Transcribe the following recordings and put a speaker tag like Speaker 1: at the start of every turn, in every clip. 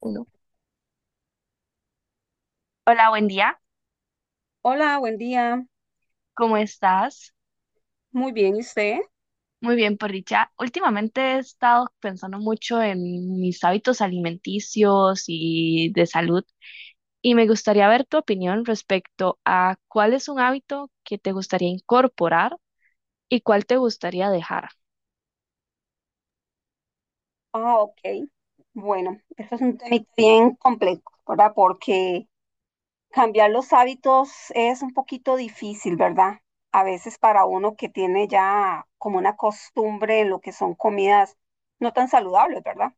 Speaker 1: Uno. Hola, buen día.
Speaker 2: Hola, buen día.
Speaker 1: ¿Cómo estás?
Speaker 2: Muy bien, ¿y usted?
Speaker 1: Muy bien, por dicha. Últimamente he estado pensando mucho en mis hábitos alimenticios y de salud y me gustaría ver tu opinión respecto a cuál es un hábito que te gustaría incorporar y cuál te gustaría dejar.
Speaker 2: Ah, ok. Bueno, esto es un tema bien complejo, ¿verdad? Porque cambiar los hábitos es un poquito difícil, ¿verdad? A veces para uno que tiene ya como una costumbre en lo que son comidas no tan saludables, ¿verdad?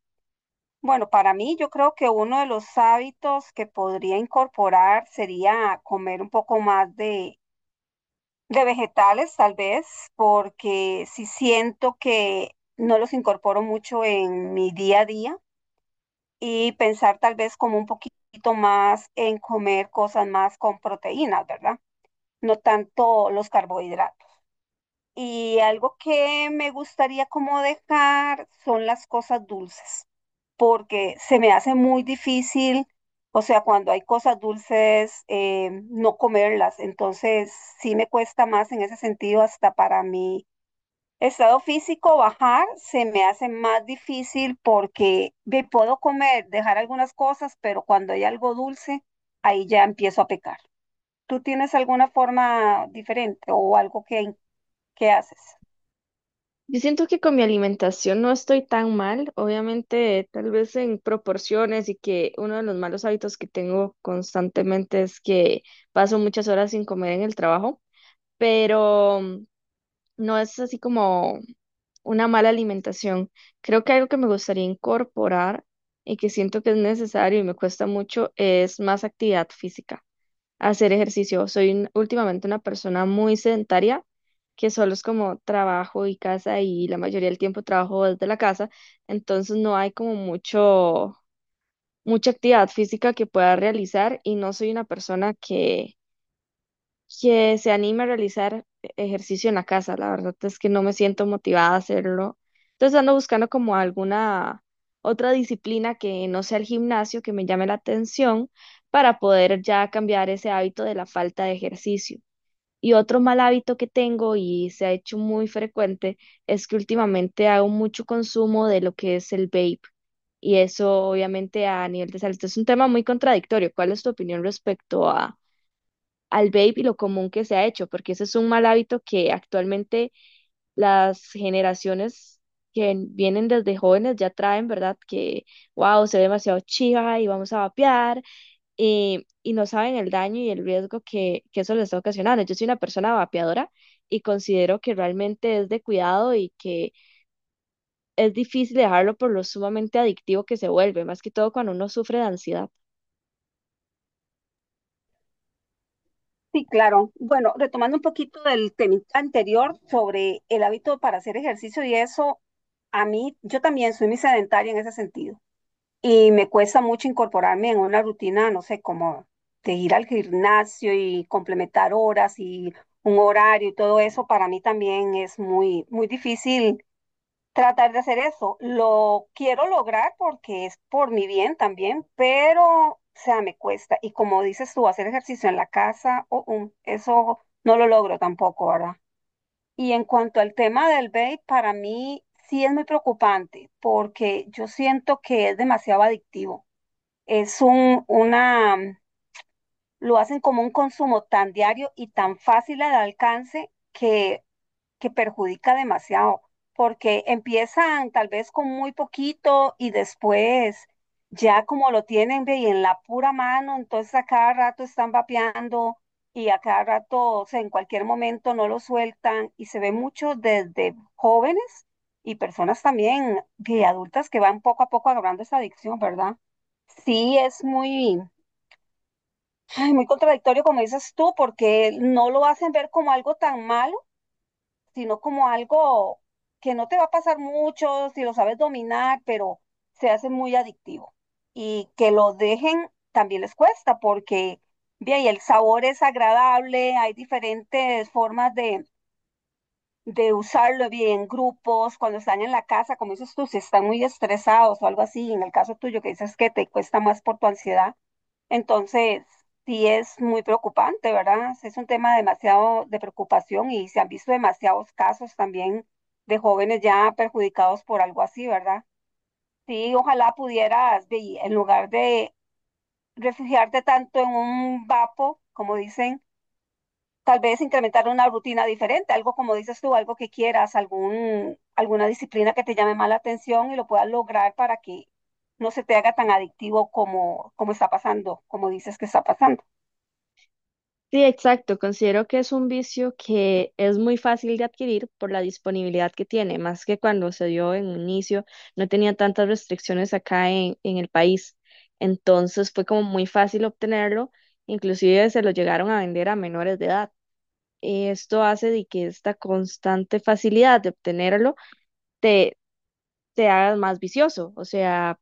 Speaker 2: Bueno, para mí yo creo que uno de los hábitos que podría incorporar sería comer un poco más de vegetales, tal vez, porque sí siento que no los incorporo mucho en mi día a día y pensar tal vez como un poquito más en comer cosas más con proteínas, ¿verdad? No tanto los carbohidratos. Y algo que me gustaría como dejar son las cosas dulces, porque se me hace muy difícil, o sea, cuando hay cosas dulces, no comerlas. Entonces, sí me cuesta más en ese sentido hasta para mí estado físico, bajar se me hace más difícil porque me puedo comer, dejar algunas cosas, pero cuando hay algo dulce, ahí ya empiezo a pecar. ¿Tú tienes alguna forma diferente o algo que haces?
Speaker 1: Yo siento que con mi alimentación no estoy tan mal, obviamente tal vez en proporciones, y que uno de los malos hábitos que tengo constantemente es que paso muchas horas sin comer en el trabajo, pero no es así como una mala alimentación. Creo que algo que me gustaría incorporar y que siento que es necesario y me cuesta mucho es más actividad física, hacer ejercicio. Últimamente una persona muy sedentaria, que solo es como trabajo y casa, y la mayoría del tiempo trabajo desde la casa, entonces no hay como mucha actividad física que pueda realizar, y no soy una persona que se anime a realizar ejercicio en la casa. La verdad es que no me siento motivada a hacerlo. Entonces ando buscando como alguna otra disciplina que no sea el gimnasio, que me llame la atención, para poder ya cambiar ese hábito de la falta de ejercicio. Y otro mal hábito que tengo y se ha hecho muy frecuente es que últimamente hago mucho consumo de lo que es el vape. Y eso obviamente a nivel de salud es un tema muy contradictorio. ¿Cuál es tu opinión respecto al vape y lo común que se ha hecho? Porque ese es un mal hábito que actualmente las generaciones que vienen desde jóvenes ya traen, ¿verdad? Que, wow, se ve demasiado chiva y vamos a vapear, y no saben el daño y el riesgo que eso les está ocasionando. Yo soy una persona vapeadora y considero que realmente es de cuidado, y que es difícil dejarlo por lo sumamente adictivo que se vuelve, más que todo cuando uno sufre de ansiedad.
Speaker 2: Sí, claro. Bueno, retomando un poquito del tema anterior sobre el hábito para hacer ejercicio y eso, a mí, yo también soy muy sedentaria en ese sentido. Y me cuesta mucho incorporarme en una rutina, no sé, como de ir al gimnasio y complementar horas y un horario y todo eso, para mí también es muy, muy difícil tratar de hacer eso. Lo quiero lograr porque es por mi bien también, pero, o sea, me cuesta. Y como dices tú, hacer ejercicio en la casa, eso no lo logro tampoco, ¿verdad? Y en cuanto al tema del vape, para mí sí es muy preocupante porque yo siento que es demasiado adictivo. Es un, una, lo hacen como un consumo tan diario y tan fácil al alcance que perjudica demasiado, porque empiezan tal vez con muy poquito y después ya como lo tienen ve, y en la pura mano, entonces a cada rato están vapeando y a cada rato, o sea, en cualquier momento no lo sueltan y se ve mucho desde jóvenes y personas también de adultas que van poco a poco agarrando esa adicción, ¿verdad? Sí, es muy, ay, muy contradictorio como dices tú, porque no lo hacen ver como algo tan malo, sino como algo que no te va a pasar mucho si lo sabes dominar, pero se hace muy adictivo. Y que lo dejen también les cuesta, porque bien, y el sabor es agradable, hay diferentes formas de usarlo, bien, en grupos, cuando están en la casa, como dices tú, si están muy estresados o algo así, en el caso tuyo que dices que te cuesta más por tu ansiedad entonces, sí es muy preocupante, ¿verdad? Sí. Es un tema demasiado de preocupación y se han visto demasiados casos también de jóvenes ya perjudicados por algo así, ¿verdad? Sí, ojalá pudieras, ve, en lugar de refugiarte tanto en un vapo, como dicen, tal vez incrementar una rutina diferente, algo como dices tú, algo que quieras, algún, alguna disciplina que te llame más la atención y lo puedas lograr para que no se te haga tan adictivo como, como está pasando, como dices que está pasando.
Speaker 1: Sí, exacto. Considero que es un vicio que es muy fácil de adquirir por la disponibilidad que tiene. Más que cuando se dio en un inicio, no tenía tantas restricciones acá en el país. Entonces fue como muy fácil obtenerlo, inclusive se lo llegaron a vender a menores de edad. Y esto hace de que esta constante facilidad de obtenerlo te, te haga más vicioso. O sea,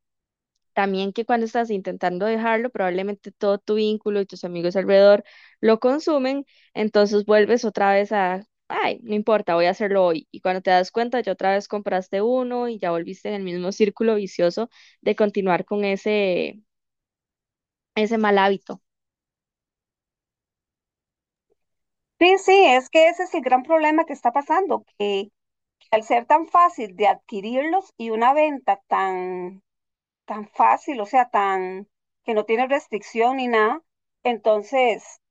Speaker 1: también que cuando estás intentando dejarlo, probablemente todo tu vínculo y tus amigos alrededor lo consumen, entonces vuelves otra vez a, ay, no importa, voy a hacerlo hoy. Y cuando te das cuenta, ya otra vez compraste uno y ya volviste en el mismo círculo vicioso de continuar con ese mal hábito.
Speaker 2: Sí, sí, es que ese es el gran problema que está pasando, que al ser tan fácil de adquirirlos y una venta tan, tan fácil, o sea, tan que no tiene restricción ni nada, entonces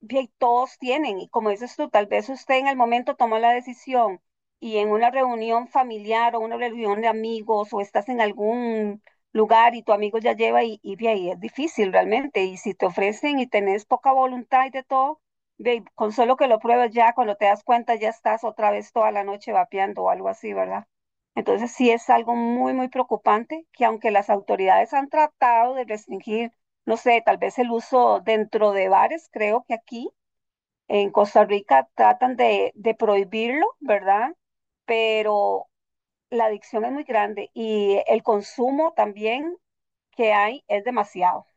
Speaker 2: bien, todos tienen, y como dices tú, tal vez usted en el momento tomó la decisión y en una reunión familiar o una reunión de amigos o estás en algún lugar y tu amigo ya lleva y ve ahí es difícil realmente. Y si te ofrecen y tenés poca voluntad y de todo, ve, con solo que lo pruebes ya, cuando te das cuenta ya estás otra vez toda la noche vapeando o algo así, ¿verdad? Entonces sí es algo muy, muy preocupante que aunque las autoridades han tratado de restringir no sé, tal vez el uso dentro de bares, creo que aquí en Costa Rica tratan de prohibirlo, ¿verdad? Pero la adicción es muy grande y el consumo también que hay es demasiado.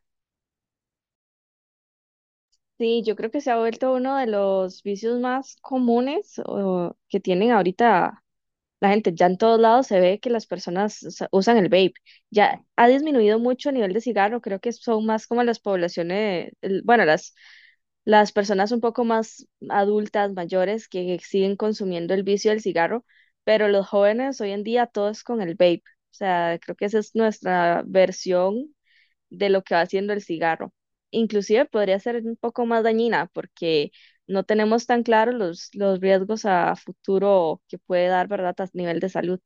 Speaker 1: Sí, yo creo que se ha vuelto uno de los vicios más comunes que tienen ahorita. La gente ya en todos lados se ve que las personas usan el vape. Ya ha disminuido mucho a nivel de cigarro. Creo que son más como las poblaciones, bueno, las personas un poco más adultas, mayores, que siguen consumiendo el vicio del cigarro. Pero los jóvenes hoy en día todo es con el vape. O sea, creo que esa es nuestra versión de lo que va haciendo el cigarro. Inclusive podría ser un poco más dañina porque no tenemos tan claro los riesgos a futuro que puede dar, ¿verdad?, a nivel de salud.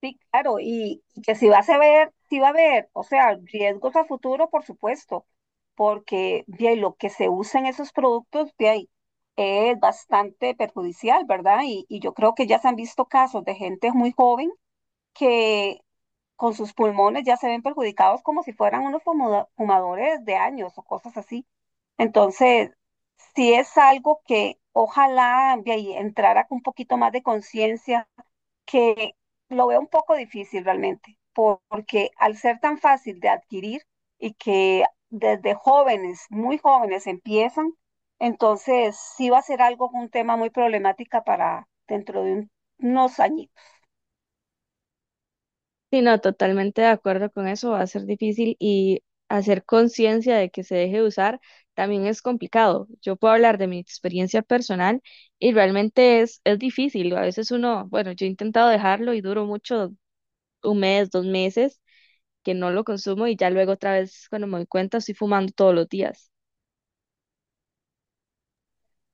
Speaker 2: Sí, claro, y que si vas a ver, si va a haber, o sea, riesgos a futuro, por supuesto, porque bien, lo que se usa en esos productos, de ahí es bastante perjudicial, ¿verdad? Y yo creo que ya se han visto casos de gente muy joven que con sus pulmones ya se ven perjudicados como si fueran unos fumadores de años o cosas así. Entonces, si es algo que ojalá de ahí entrara con un poquito más de conciencia, que lo veo un poco difícil realmente, porque al ser tan fácil de adquirir y que desde jóvenes, muy jóvenes empiezan, entonces sí va a ser algo, un tema muy problemática para dentro de unos añitos.
Speaker 1: Sí, no, totalmente de acuerdo con eso, va a ser difícil, y hacer conciencia de que se deje de usar también es complicado. Yo puedo hablar de mi experiencia personal, y realmente es difícil. A veces uno, bueno, yo he intentado dejarlo y duro mucho, un mes, dos meses que no lo consumo, y ya luego otra vez cuando me doy cuenta estoy fumando todos los días.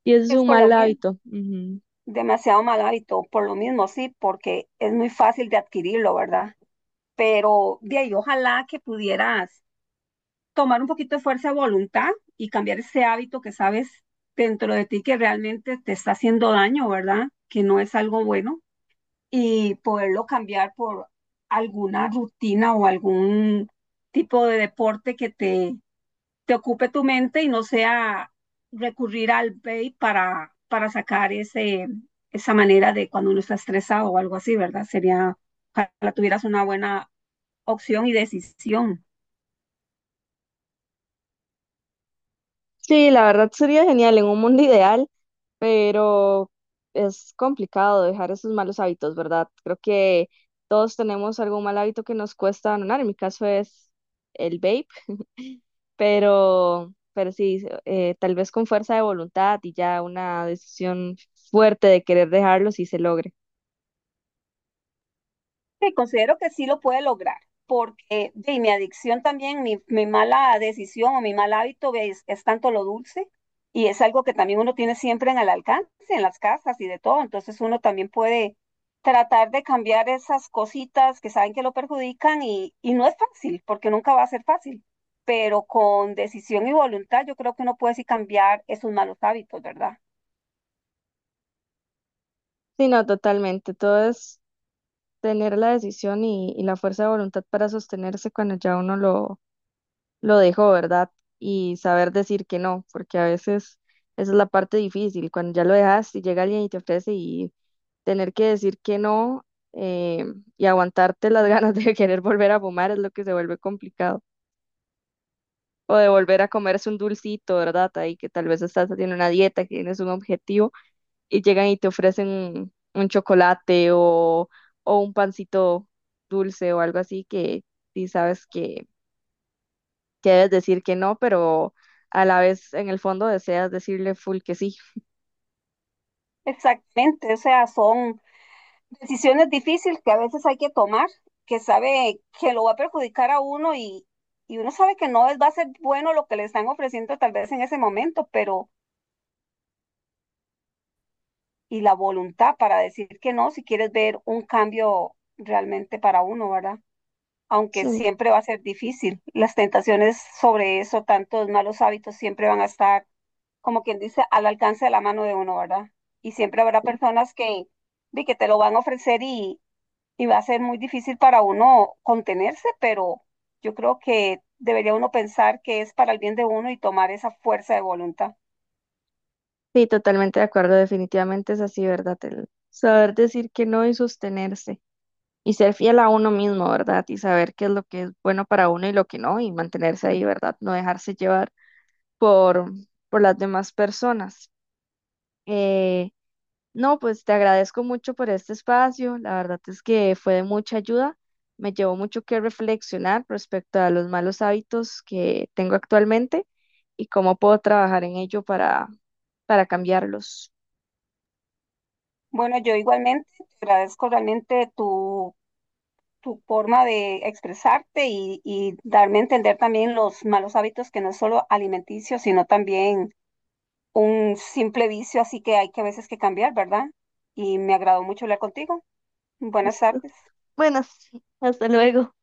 Speaker 1: Y eso es
Speaker 2: Es
Speaker 1: un mal
Speaker 2: colombia
Speaker 1: hábito. Ujú.
Speaker 2: demasiado mal hábito, por lo mismo, sí, porque es muy fácil de adquirirlo, ¿verdad? Pero de ahí, ojalá que pudieras tomar un poquito de fuerza de voluntad y cambiar ese hábito que sabes dentro de ti que realmente te está haciendo daño, ¿verdad? Que no es algo bueno y poderlo cambiar por alguna rutina o algún tipo de deporte que te ocupe tu mente y no sea recurrir al pay para sacar ese, esa manera de cuando uno está estresado o algo así, ¿verdad? Sería, ojalá tuvieras una buena opción y decisión.
Speaker 1: Sí, la verdad sería genial en un mundo ideal, pero es complicado dejar esos malos hábitos, ¿verdad? Creo que todos tenemos algún mal hábito que nos cuesta abandonar. En mi caso es el vape, pero sí, tal vez con fuerza de voluntad y ya una decisión fuerte de querer dejarlo si se logre.
Speaker 2: Sí, considero que sí lo puede lograr, porque de, mi adicción también, mi mala decisión o mi mal hábito es tanto lo dulce y es algo que también uno tiene siempre en el alcance, en las casas y de todo, entonces uno también puede tratar de cambiar esas cositas que saben que lo perjudican y no es fácil, porque nunca va a ser fácil, pero con decisión y voluntad yo creo que uno puede sí cambiar esos malos hábitos, ¿verdad?
Speaker 1: Sí, no, totalmente. Todo es tener la decisión y la fuerza de voluntad para sostenerse cuando ya uno lo dejó, ¿verdad? Y saber decir que no, porque a veces esa es la parte difícil, cuando ya lo dejas y llega alguien y te ofrece y tener que decir que no, eh, y aguantarte las ganas de querer volver a fumar es lo que se vuelve complicado. O de volver a comerse un dulcito, ¿verdad? Ahí que tal vez estás haciendo una dieta, que tienes un objetivo, y llegan y te ofrecen un chocolate o un pancito dulce o algo así, que sí sabes que debes decir que no, pero a la vez en el fondo deseas decirle full que sí.
Speaker 2: Exactamente, o sea, son... decisiones difíciles que a veces hay que tomar, que sabe que lo va a perjudicar a uno y uno sabe que no es, va a ser bueno lo que le están ofreciendo tal vez en ese momento, pero y la voluntad para decir que no si quieres ver un cambio realmente para uno, ¿verdad? Aunque
Speaker 1: Sí,
Speaker 2: siempre va a ser difícil. Las tentaciones sobre eso, tantos malos hábitos, siempre van a estar, como quien dice, al alcance de la mano de uno, ¿verdad? Y siempre habrá
Speaker 1: sí,
Speaker 2: personas que, de que te lo van a ofrecer y va a ser muy difícil para uno contenerse, pero yo creo que debería uno pensar que es para el bien de uno y tomar esa fuerza de voluntad.
Speaker 1: sí, totalmente de acuerdo, definitivamente es así, ¿verdad? El saber decir que no y sostenerse. Y ser fiel a uno mismo, ¿verdad? Y saber qué es lo que es bueno para uno y lo que no, y mantenerse ahí, ¿verdad? No dejarse llevar por, por las demás personas. Eh, No, pues te agradezco mucho por este espacio. La verdad es que fue de mucha ayuda. Me llevó mucho que reflexionar respecto a los malos hábitos que tengo actualmente y cómo puedo trabajar en ello para cambiarlos.
Speaker 2: Bueno, yo igualmente te agradezco realmente tu, tu forma de expresarte y darme a entender también los malos hábitos que no es solo alimenticio, sino también un simple vicio, así que hay que a veces que cambiar, ¿verdad? Y me agradó mucho hablar contigo. Buenas
Speaker 1: Listo.
Speaker 2: tardes.
Speaker 1: Bueno, hasta luego.